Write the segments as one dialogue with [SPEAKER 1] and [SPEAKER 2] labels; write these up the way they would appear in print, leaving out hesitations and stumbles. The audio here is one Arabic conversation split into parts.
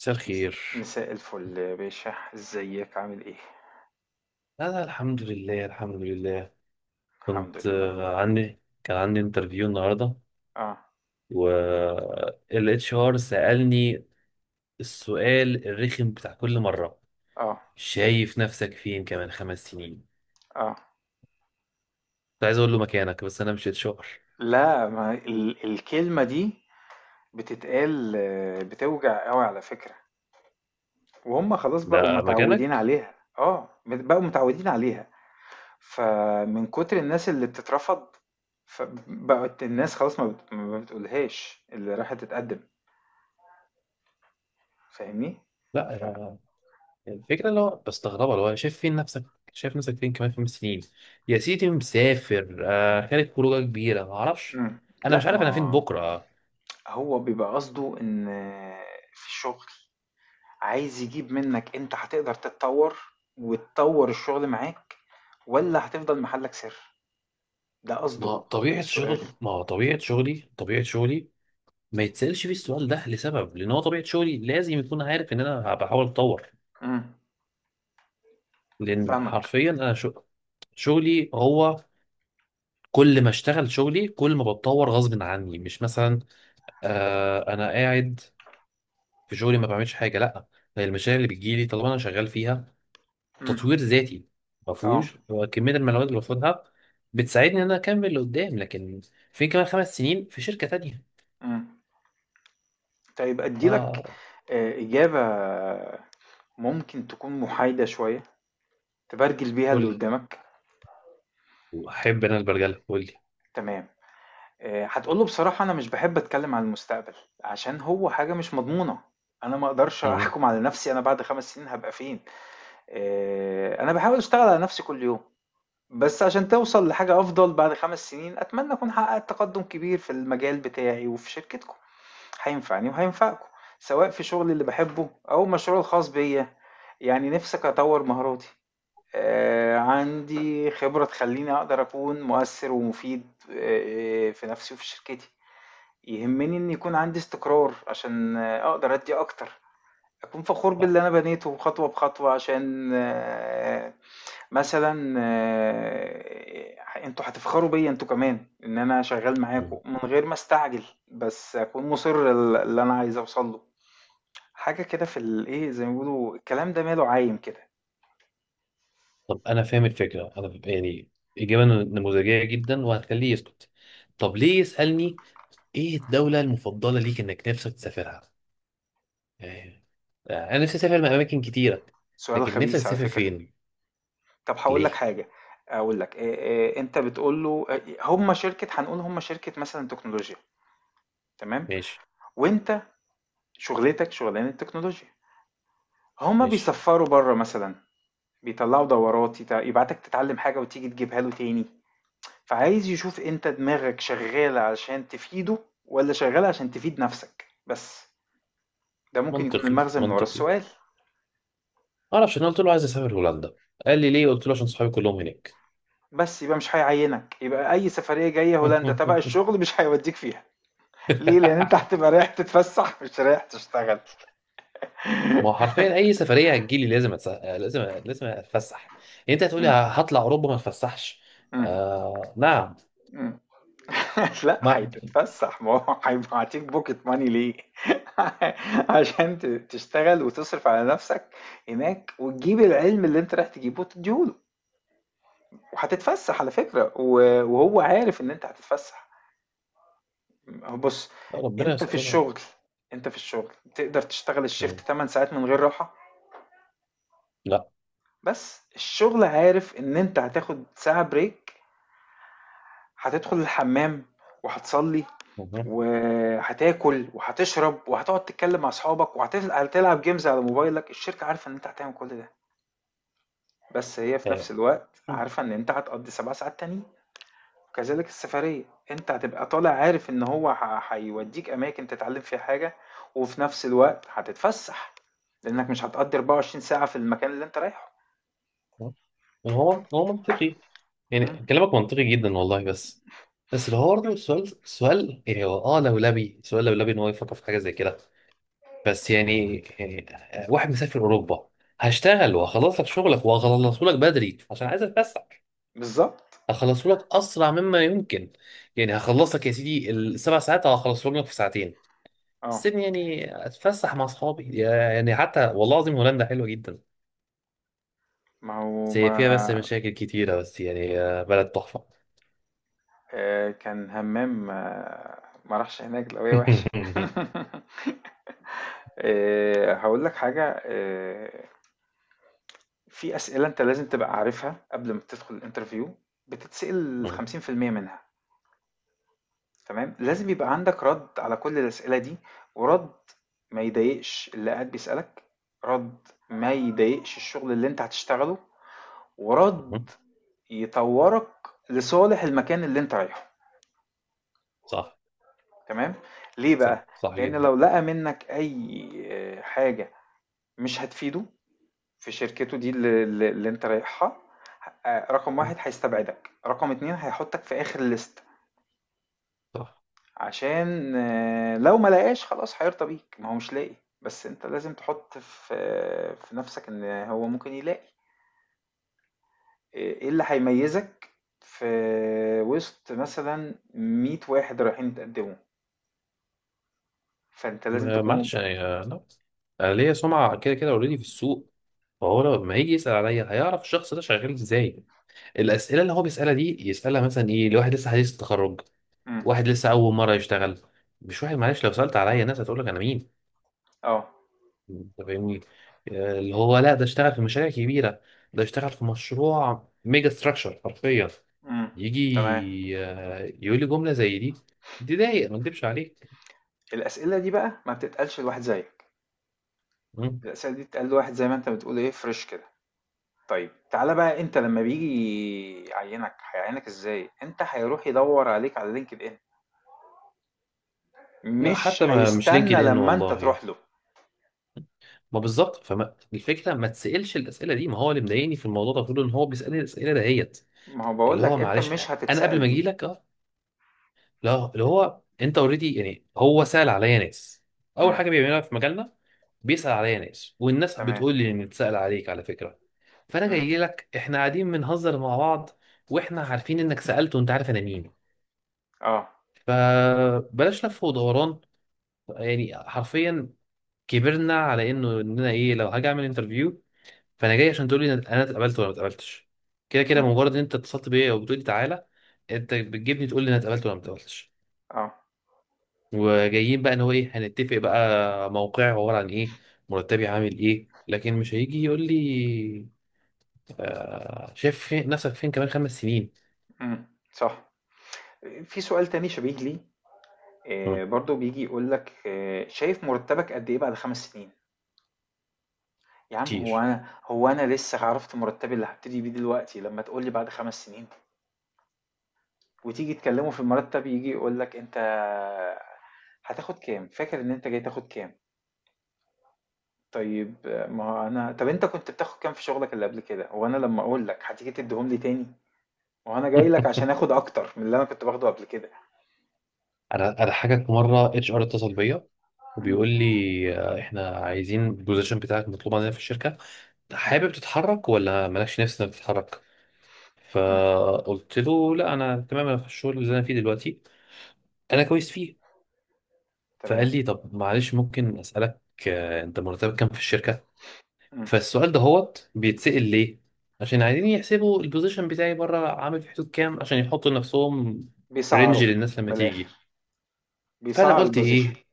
[SPEAKER 1] مساء الخير.
[SPEAKER 2] مساء الفل يا باشا، ازيك عامل ايه؟
[SPEAKER 1] أنا الحمد لله، الحمد لله.
[SPEAKER 2] الحمد
[SPEAKER 1] كنت
[SPEAKER 2] لله.
[SPEAKER 1] آه، عندي كان عندي انترفيو النهاردة،
[SPEAKER 2] اه.
[SPEAKER 1] وال اتش ار سألني السؤال الرخم بتاع كل مرة:
[SPEAKER 2] اه.
[SPEAKER 1] شايف نفسك فين كمان 5 سنين؟
[SPEAKER 2] اه.
[SPEAKER 1] كنت عايز أقول له مكانك، بس أنا مش اتش ار.
[SPEAKER 2] لا، ما الكلمة دي بتتقال، بتوجع قوي على فكرة. وهم خلاص بقوا
[SPEAKER 1] ده
[SPEAKER 2] متعودين
[SPEAKER 1] مكانك؟
[SPEAKER 2] عليها، اه بقوا متعودين عليها. فمن كتر الناس اللي بتترفض، فبقت الناس خلاص ما بتقولهاش، اللي راحت تتقدم، فاهمني؟
[SPEAKER 1] لا
[SPEAKER 2] ف...
[SPEAKER 1] يا- الفكرة اللي هو بستغربها، اللي هو شايف فين نفسك، شايف نفسك فين كمان خمس سنين. يا سيدي مسافر، خارج خروجة كبيرة معرفش،
[SPEAKER 2] مم.
[SPEAKER 1] أنا مش
[SPEAKER 2] لا،
[SPEAKER 1] عارف أنا فين
[SPEAKER 2] ما
[SPEAKER 1] بكرة.
[SPEAKER 2] هو بيبقى قصده ان في الشغل عايز يجيب منك انت هتقدر تتطور وتطور الشغل معاك، ولا هتفضل محلك سر؟ ده قصده
[SPEAKER 1] ما
[SPEAKER 2] من
[SPEAKER 1] طبيعة
[SPEAKER 2] السؤال.
[SPEAKER 1] شغل ما طبيعة شغلي طبيعة شغلي ما يتسألش فيه السؤال ده، لسبب، لأن هو طبيعة شغلي لازم يكون عارف إن أنا بحاول أتطور.
[SPEAKER 2] امم.
[SPEAKER 1] لأن
[SPEAKER 2] فاهمك.
[SPEAKER 1] حرفيا شغلي هو، كل ما اشتغل شغلي كل ما بتطور غصب عني. مش مثلا آه أنا قاعد في شغلي ما بعملش حاجة، لأ، هي المشاريع اللي بتجيلي طالما أنا شغال فيها
[SPEAKER 2] امم.
[SPEAKER 1] تطوير ذاتي ما
[SPEAKER 2] اه.
[SPEAKER 1] فيهوش، هو كمية المعلومات اللي باخدها بتساعدني إن أنا أكمل لقدام، لكن فين كمان 5 سنين في شركة تانية.
[SPEAKER 2] امم. طيب اديلك
[SPEAKER 1] آه.
[SPEAKER 2] اجابة ممكن تكون محايدة شوية تبرجل بيها
[SPEAKER 1] قول
[SPEAKER 2] اللي
[SPEAKER 1] لي،
[SPEAKER 2] قدامك.
[SPEAKER 1] احب انا البرجله، قول لي.
[SPEAKER 2] تمام. هتقوله بصراحة انا مش بحب اتكلم عن المستقبل، عشان هو حاجة مش مضمونة. انا ما اقدرش
[SPEAKER 1] مم.
[SPEAKER 2] احكم على نفسي انا بعد 5 سنين هبقى فين. انا بحاول اشتغل على نفسي كل يوم، بس عشان توصل لحاجة أفضل. بعد 5 سنين أتمنى أكون حققت تقدم كبير في المجال بتاعي وفي شركتكم، هينفعني وهينفعكم، سواء في شغلي اللي بحبه أو مشروع الخاص بيا. يعني نفسك أطور مهاراتي. آه، عندي خبرة تخليني أقدر أكون مؤثر ومفيد، في نفسي وفي شركتي. يهمني إن يكون عندي استقرار عشان أقدر أدي أكتر. أكون فخور
[SPEAKER 1] صح.
[SPEAKER 2] باللي أنا بنيته خطوة بخطوة عشان مثلًا أنتم هتفخروا بيّا أنتم كمان، إن أنا شغّال معاكم،
[SPEAKER 1] مم.
[SPEAKER 2] من غير ما أستعجل، بس أكون مُصِر ل اللي أنا عايز أوصل له. حاجة كده في الإيه، زي ما بيقولوا الكلام ده ماله عايم كده.
[SPEAKER 1] طب انا فاهم الفكره، انا يعني اجابه نموذجيه جدا وهتخليه يسكت. طب ليه يسالني ايه الدوله المفضله ليك انك نفسك تسافرها؟ يعني آه، انا نفسي اسافر اماكن كتيره.
[SPEAKER 2] سؤال
[SPEAKER 1] لكن نفسك
[SPEAKER 2] خبيث على
[SPEAKER 1] تسافر
[SPEAKER 2] فكرة.
[SPEAKER 1] فين؟
[SPEAKER 2] طب هاقول لك
[SPEAKER 1] ليه؟
[SPEAKER 2] حاجة. أقول لك، أنت بتقول له، هم شركة، هنقول هم شركة مثلًا تكنولوجيا، تمام.
[SPEAKER 1] ماشي.
[SPEAKER 2] وأنت شُغلتك شُغلانة تكنولوجيا، هم
[SPEAKER 1] ماشي.
[SPEAKER 2] بيسفّروا برّه مثلًا، بيطلّعوا دورات، يبعتك تتعلّم حاجة وتيجي تجيبها له تاني. فعايز يشوف انت دماغك شغالة عشان تفيده ولا شغالة عشان تفيد نفسك بس. ده ممكن يكون
[SPEAKER 1] منطقي.
[SPEAKER 2] المغزى من ورا
[SPEAKER 1] منطقي.
[SPEAKER 2] السؤال.
[SPEAKER 1] ما اعرفش، انا قلت له عايز اسافر هولندا، قال لي ليه، قلت له عشان صحابي كلهم هناك.
[SPEAKER 2] بس يبقى مش هيعينك، يبقى اي سفرية جاية هولندا تبع الشغل مش هيوديك فيها. ليه؟ لان انت هتبقى رايح تتفسح مش رايح تشتغل.
[SPEAKER 1] ما هو حرفيا اي سفريه هتجيلي لازم لازم اتفسح. يعني انت هتقولي
[SPEAKER 2] م-
[SPEAKER 1] هطلع اوروبا ما اتفسحش؟
[SPEAKER 2] م-
[SPEAKER 1] نعم.
[SPEAKER 2] م. لا،
[SPEAKER 1] ما
[SPEAKER 2] هتتفسح. ما هو هيبعتيك بوكيت ماني ليه؟ عشان تشتغل وتصرف على نفسك هناك، وتجيب العلم اللي انت رايح تجيبه وتديهوله. وهتتفسح على فكرة، وهو عارف ان انت هتتفسح. هو بص،
[SPEAKER 1] ربنا
[SPEAKER 2] انت في
[SPEAKER 1] يستر.
[SPEAKER 2] الشغل انت في الشغل تقدر تشتغل الشيفت
[SPEAKER 1] مم.
[SPEAKER 2] 8 ساعات من غير راحة.
[SPEAKER 1] لا.
[SPEAKER 2] بس الشغل عارف ان انت هتاخد ساعة بريك، هتدخل الحمام وهتصلي
[SPEAKER 1] مم.
[SPEAKER 2] وهتاكل وهتشرب وهتقعد تتكلم مع اصحابك وهتلعب جيمز على موبايلك. الشركة عارفة ان انت هتعمل كل ده، بس هي في
[SPEAKER 1] آه.
[SPEAKER 2] نفس الوقت
[SPEAKER 1] مم.
[SPEAKER 2] عارفة ان انت هتقضي 7 ساعات تانيين. كذلك السفرية، انت هتبقى طالع عارف ان هو هيوديك اماكن تتعلم فيها حاجة، وفي نفس الوقت هتتفسح، لانك مش هتقضي 24 ساعة في المكان اللي انت رايحه.
[SPEAKER 1] هو منطقي، يعني
[SPEAKER 2] مم.
[SPEAKER 1] كلامك منطقي جدا والله، بس. بس اللي هو برضه السؤال سؤال، يعني هو لولبي، سؤال لولبي ان هو يفكر في حاجه زي كده. بس يعني واحد مسافر اوروبا، هشتغل وهخلص لك شغلك وهخلصه لك بدري عشان عايز اتفسح،
[SPEAKER 2] بالظبط.
[SPEAKER 1] هخلصه لك اسرع مما يمكن. يعني هخلصك يا سيدي الـ 7 ساعات هخلصهم لك في ساعتين.
[SPEAKER 2] اه.
[SPEAKER 1] السيبني يعني اتفسح مع اصحابي. يعني حتى والله العظيم هولندا حلوه جدا،
[SPEAKER 2] ما هو
[SPEAKER 1] بس هي
[SPEAKER 2] ما.
[SPEAKER 1] فيها مشاكل كتيره، بس يعني آه، بلد تحفه.
[SPEAKER 2] آه، كان همام، ما راحش هناك لو هي وحشة. آه، هقول لك حاجة. في أسئلة أنت لازم تبقى عارفها قبل ما تدخل الانترفيو. بتتسأل 50% منها. تمام، لازم يبقى عندك رد على كل الأسئلة دي. ورد ما يضايقش اللي قاعد بيسألك، رد ما يضايقش الشغل اللي انت هتشتغله، ورد يطورك لصالح المكان اللي انت رايحه،
[SPEAKER 1] صح.
[SPEAKER 2] تمام. ليه بقى؟
[SPEAKER 1] صح صح
[SPEAKER 2] لأن
[SPEAKER 1] جدا.
[SPEAKER 2] لو لقى منك أي حاجة مش هتفيده في شركته دي اللي انت رايحها. رقم واحد هيستبعدك، رقم اتنين هيحطك في آخر الليست.
[SPEAKER 1] صح.
[SPEAKER 2] عشان لو ما لقاش خلاص هيرضى بيك ما هو مش لاقي. بس انت لازم تحط في نفسك ان هو ممكن يلاقي. ايه اللي هيميزك في وسط مثلا 100 واحد رايحين يتقدموا. فانت لازم تكون مم.
[SPEAKER 1] معلش يعني، آه، لا، انا ليا سمعه كده كده اوريدي في السوق، فهو لما هيجي يسال عليا هيعرف الشخص ده شغال ازاي. الاسئله اللي هو بيسالها دي يسالها مثلا ايه لواحد لسه حديث التخرج،
[SPEAKER 2] مم.
[SPEAKER 1] واحد لسه اول مره يشتغل، مش واحد، معلش لو سالت عليا الناس هتقول لك انا مين.
[SPEAKER 2] اه.
[SPEAKER 1] انت فاهمني، آه، اللي هو، لا ده اشتغل في مشاريع كبيره، ده اشتغل في مشروع ميجا ستراكشر حرفيا.
[SPEAKER 2] مم. تمام.
[SPEAKER 1] يجي آه، يقول لي جمله زي دي، دي ضايق ما اكدبش عليك.
[SPEAKER 2] الاسئله دي بقى ما بتتقالش لواحد زيك.
[SPEAKER 1] مم.
[SPEAKER 2] الاسئله دي بتتقال لواحد زي ما انت بتقول ايه، فريش كده. طيب تعالى بقى، انت لما بيجي يعينك هيعينك ازاي؟ انت هيروح يدور عليك على لينكد ان،
[SPEAKER 1] لا
[SPEAKER 2] مش
[SPEAKER 1] حتى ما مش لينكد
[SPEAKER 2] هيستنى
[SPEAKER 1] ان
[SPEAKER 2] لما انت
[SPEAKER 1] والله.
[SPEAKER 2] تروح له.
[SPEAKER 1] ما بالظبط، فما الفكره ما تسالش الاسئله دي. ما هو اللي مضايقني في الموضوع ده كله ان هو بيسالني الاسئله دهيت
[SPEAKER 2] ما هو
[SPEAKER 1] اللي
[SPEAKER 2] بقول لك
[SPEAKER 1] هو
[SPEAKER 2] انت
[SPEAKER 1] معلش،
[SPEAKER 2] مش
[SPEAKER 1] انا قبل
[SPEAKER 2] هتتسأل
[SPEAKER 1] ما اجي
[SPEAKER 2] دي.
[SPEAKER 1] لك آه، لا اللي هو انت اوريدي، يعني هو سأل عليا ناس، اول
[SPEAKER 2] امم.
[SPEAKER 1] حاجه بيعملها في مجالنا بيسأل عليا ناس، والناس
[SPEAKER 2] تمام.
[SPEAKER 1] بتقول لي ان اتسأل عليك على فكره. فانا
[SPEAKER 2] امم.
[SPEAKER 1] جاي لك، احنا قاعدين بنهزر مع بعض واحنا عارفين انك سألت وانت عارف انا مين.
[SPEAKER 2] اه.
[SPEAKER 1] فبلاش لف ودوران، يعني حرفيا كبرنا على انه ان انا ايه لو هاجي اعمل انترفيو. فانا جاي عشان تقول لي انا اتقبلت ولا ما اتقبلتش. كده كده
[SPEAKER 2] امم.
[SPEAKER 1] مجرد ان انت اتصلت بيا وبتقول لي تعالى انت بتجيبني تقول لي انا اتقبلت ولا ما اتقبلتش.
[SPEAKER 2] اه.
[SPEAKER 1] وجايين بقى ان هو ايه هنتفق بقى موقعي عباره عن ايه، مرتبي عامل ايه، لكن مش هيجي يقول لي آه شايف فين نفسك فين كمان 5 سنين.
[SPEAKER 2] امم. صح. في سؤال تاني شبيه لي.
[SPEAKER 1] مم،
[SPEAKER 2] آه برضو بيجي يقول لك، آه شايف مرتبك قد ايه بعد 5 سنين. يا عم، هو
[SPEAKER 1] كتير.
[SPEAKER 2] انا هو انا لسه عرفت مرتبي اللي هبتدي بيه دلوقتي، لما تقول لي بعد 5 سنين. وتيجي تكلمه في المرتب يجي يقول لك انت هتاخد كام، فاكر ان انت جاي تاخد كام. طيب، ما هو أنا، طب أنت كنت بتاخد كام في شغلك اللي قبل كده؟ وأنا لما أقول لك هتيجي تديهم لي تاني؟ وأنا جاي لك عشان آخد أكتر من اللي أنا كنت باخده قبل كده.
[SPEAKER 1] انا اضحكك، في مره اتش ار اتصل بيا
[SPEAKER 2] مم.
[SPEAKER 1] وبيقول لي آه، احنا عايزين البوزيشن بتاعك مطلوب عندنا في الشركه، حابب تتحرك ولا مالكش نفس انك تتحرك.
[SPEAKER 2] مم.
[SPEAKER 1] فقلت له لا انا تمام، انا في الشغل اللي انا فيه دلوقتي انا كويس فيه. فقال
[SPEAKER 2] تمام.
[SPEAKER 1] لي طب معلش ممكن اسالك آه، انت مرتبك كام في الشركه.
[SPEAKER 2] مم.
[SPEAKER 1] فالسؤال ده هوت بيتسأل ليه؟ عشان عايزين يحسبوا البوزيشن بتاعي بره عامل في حدود كام عشان يحطوا لنفسهم
[SPEAKER 2] بيسعروا.
[SPEAKER 1] رينج للناس لما
[SPEAKER 2] من
[SPEAKER 1] تيجي.
[SPEAKER 2] الآخر
[SPEAKER 1] فانا
[SPEAKER 2] بيسعر
[SPEAKER 1] قلت
[SPEAKER 2] البوزيشن.
[SPEAKER 1] ايه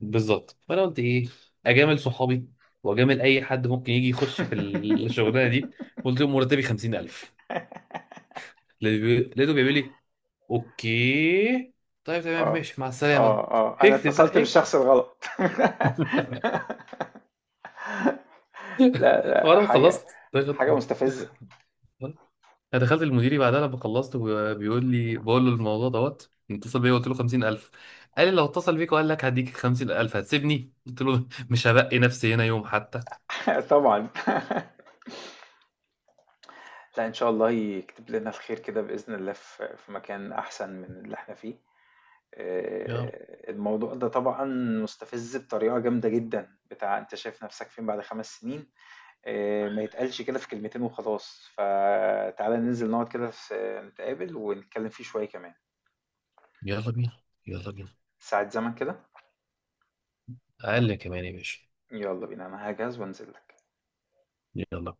[SPEAKER 1] بالظبط، فانا قلت ايه، اجامل صحابي واجامل اي حد ممكن يجي يخش في الشغلانه دي. قلت لهم مرتبي 50000. لقيته بيقول لي اوكي، طيب تمام
[SPEAKER 2] اه.
[SPEAKER 1] ماشي مع السلامه.
[SPEAKER 2] اه. اه انا
[SPEAKER 1] اكتب
[SPEAKER 2] اتصلت
[SPEAKER 1] بقى، اكتب.
[SPEAKER 2] بالشخص الغلط. لا لا،
[SPEAKER 1] وانا
[SPEAKER 2] حاجه.
[SPEAKER 1] خلصت.
[SPEAKER 2] حاجه مستفزه.
[SPEAKER 1] انا دخلت المديري بعدها لما خلصت وهو بيقول لي، بقول له الموضوع دوت اتصل بيا قلت له 50000. قال لي لو اتصل بيك وقال لك هديك 50000 هتسيبني، قلت له مش هبقي نفسي هنا يوم حتى.
[SPEAKER 2] طبعا. لا، ان شاء الله يكتب لنا الخير كده باذن الله، في مكان احسن من اللي احنا فيه.
[SPEAKER 1] يلا.
[SPEAKER 2] آه، الموضوع ده طبعا مستفز بطريقة جامدة جدا، بتاع انت شايف نفسك فين بعد 5 سنين. آه، ما يتقالش كده في كلمتين وخلاص. فتعالى ننزل نقعد كده نتقابل ونتكلم فيه شوية كمان
[SPEAKER 1] يلا بينا. يلا بينا.
[SPEAKER 2] ساعة زمن كده.
[SPEAKER 1] اقل كمان يا باشا.
[SPEAKER 2] يلا بينا انا هجهز وانزل لك
[SPEAKER 1] يلا.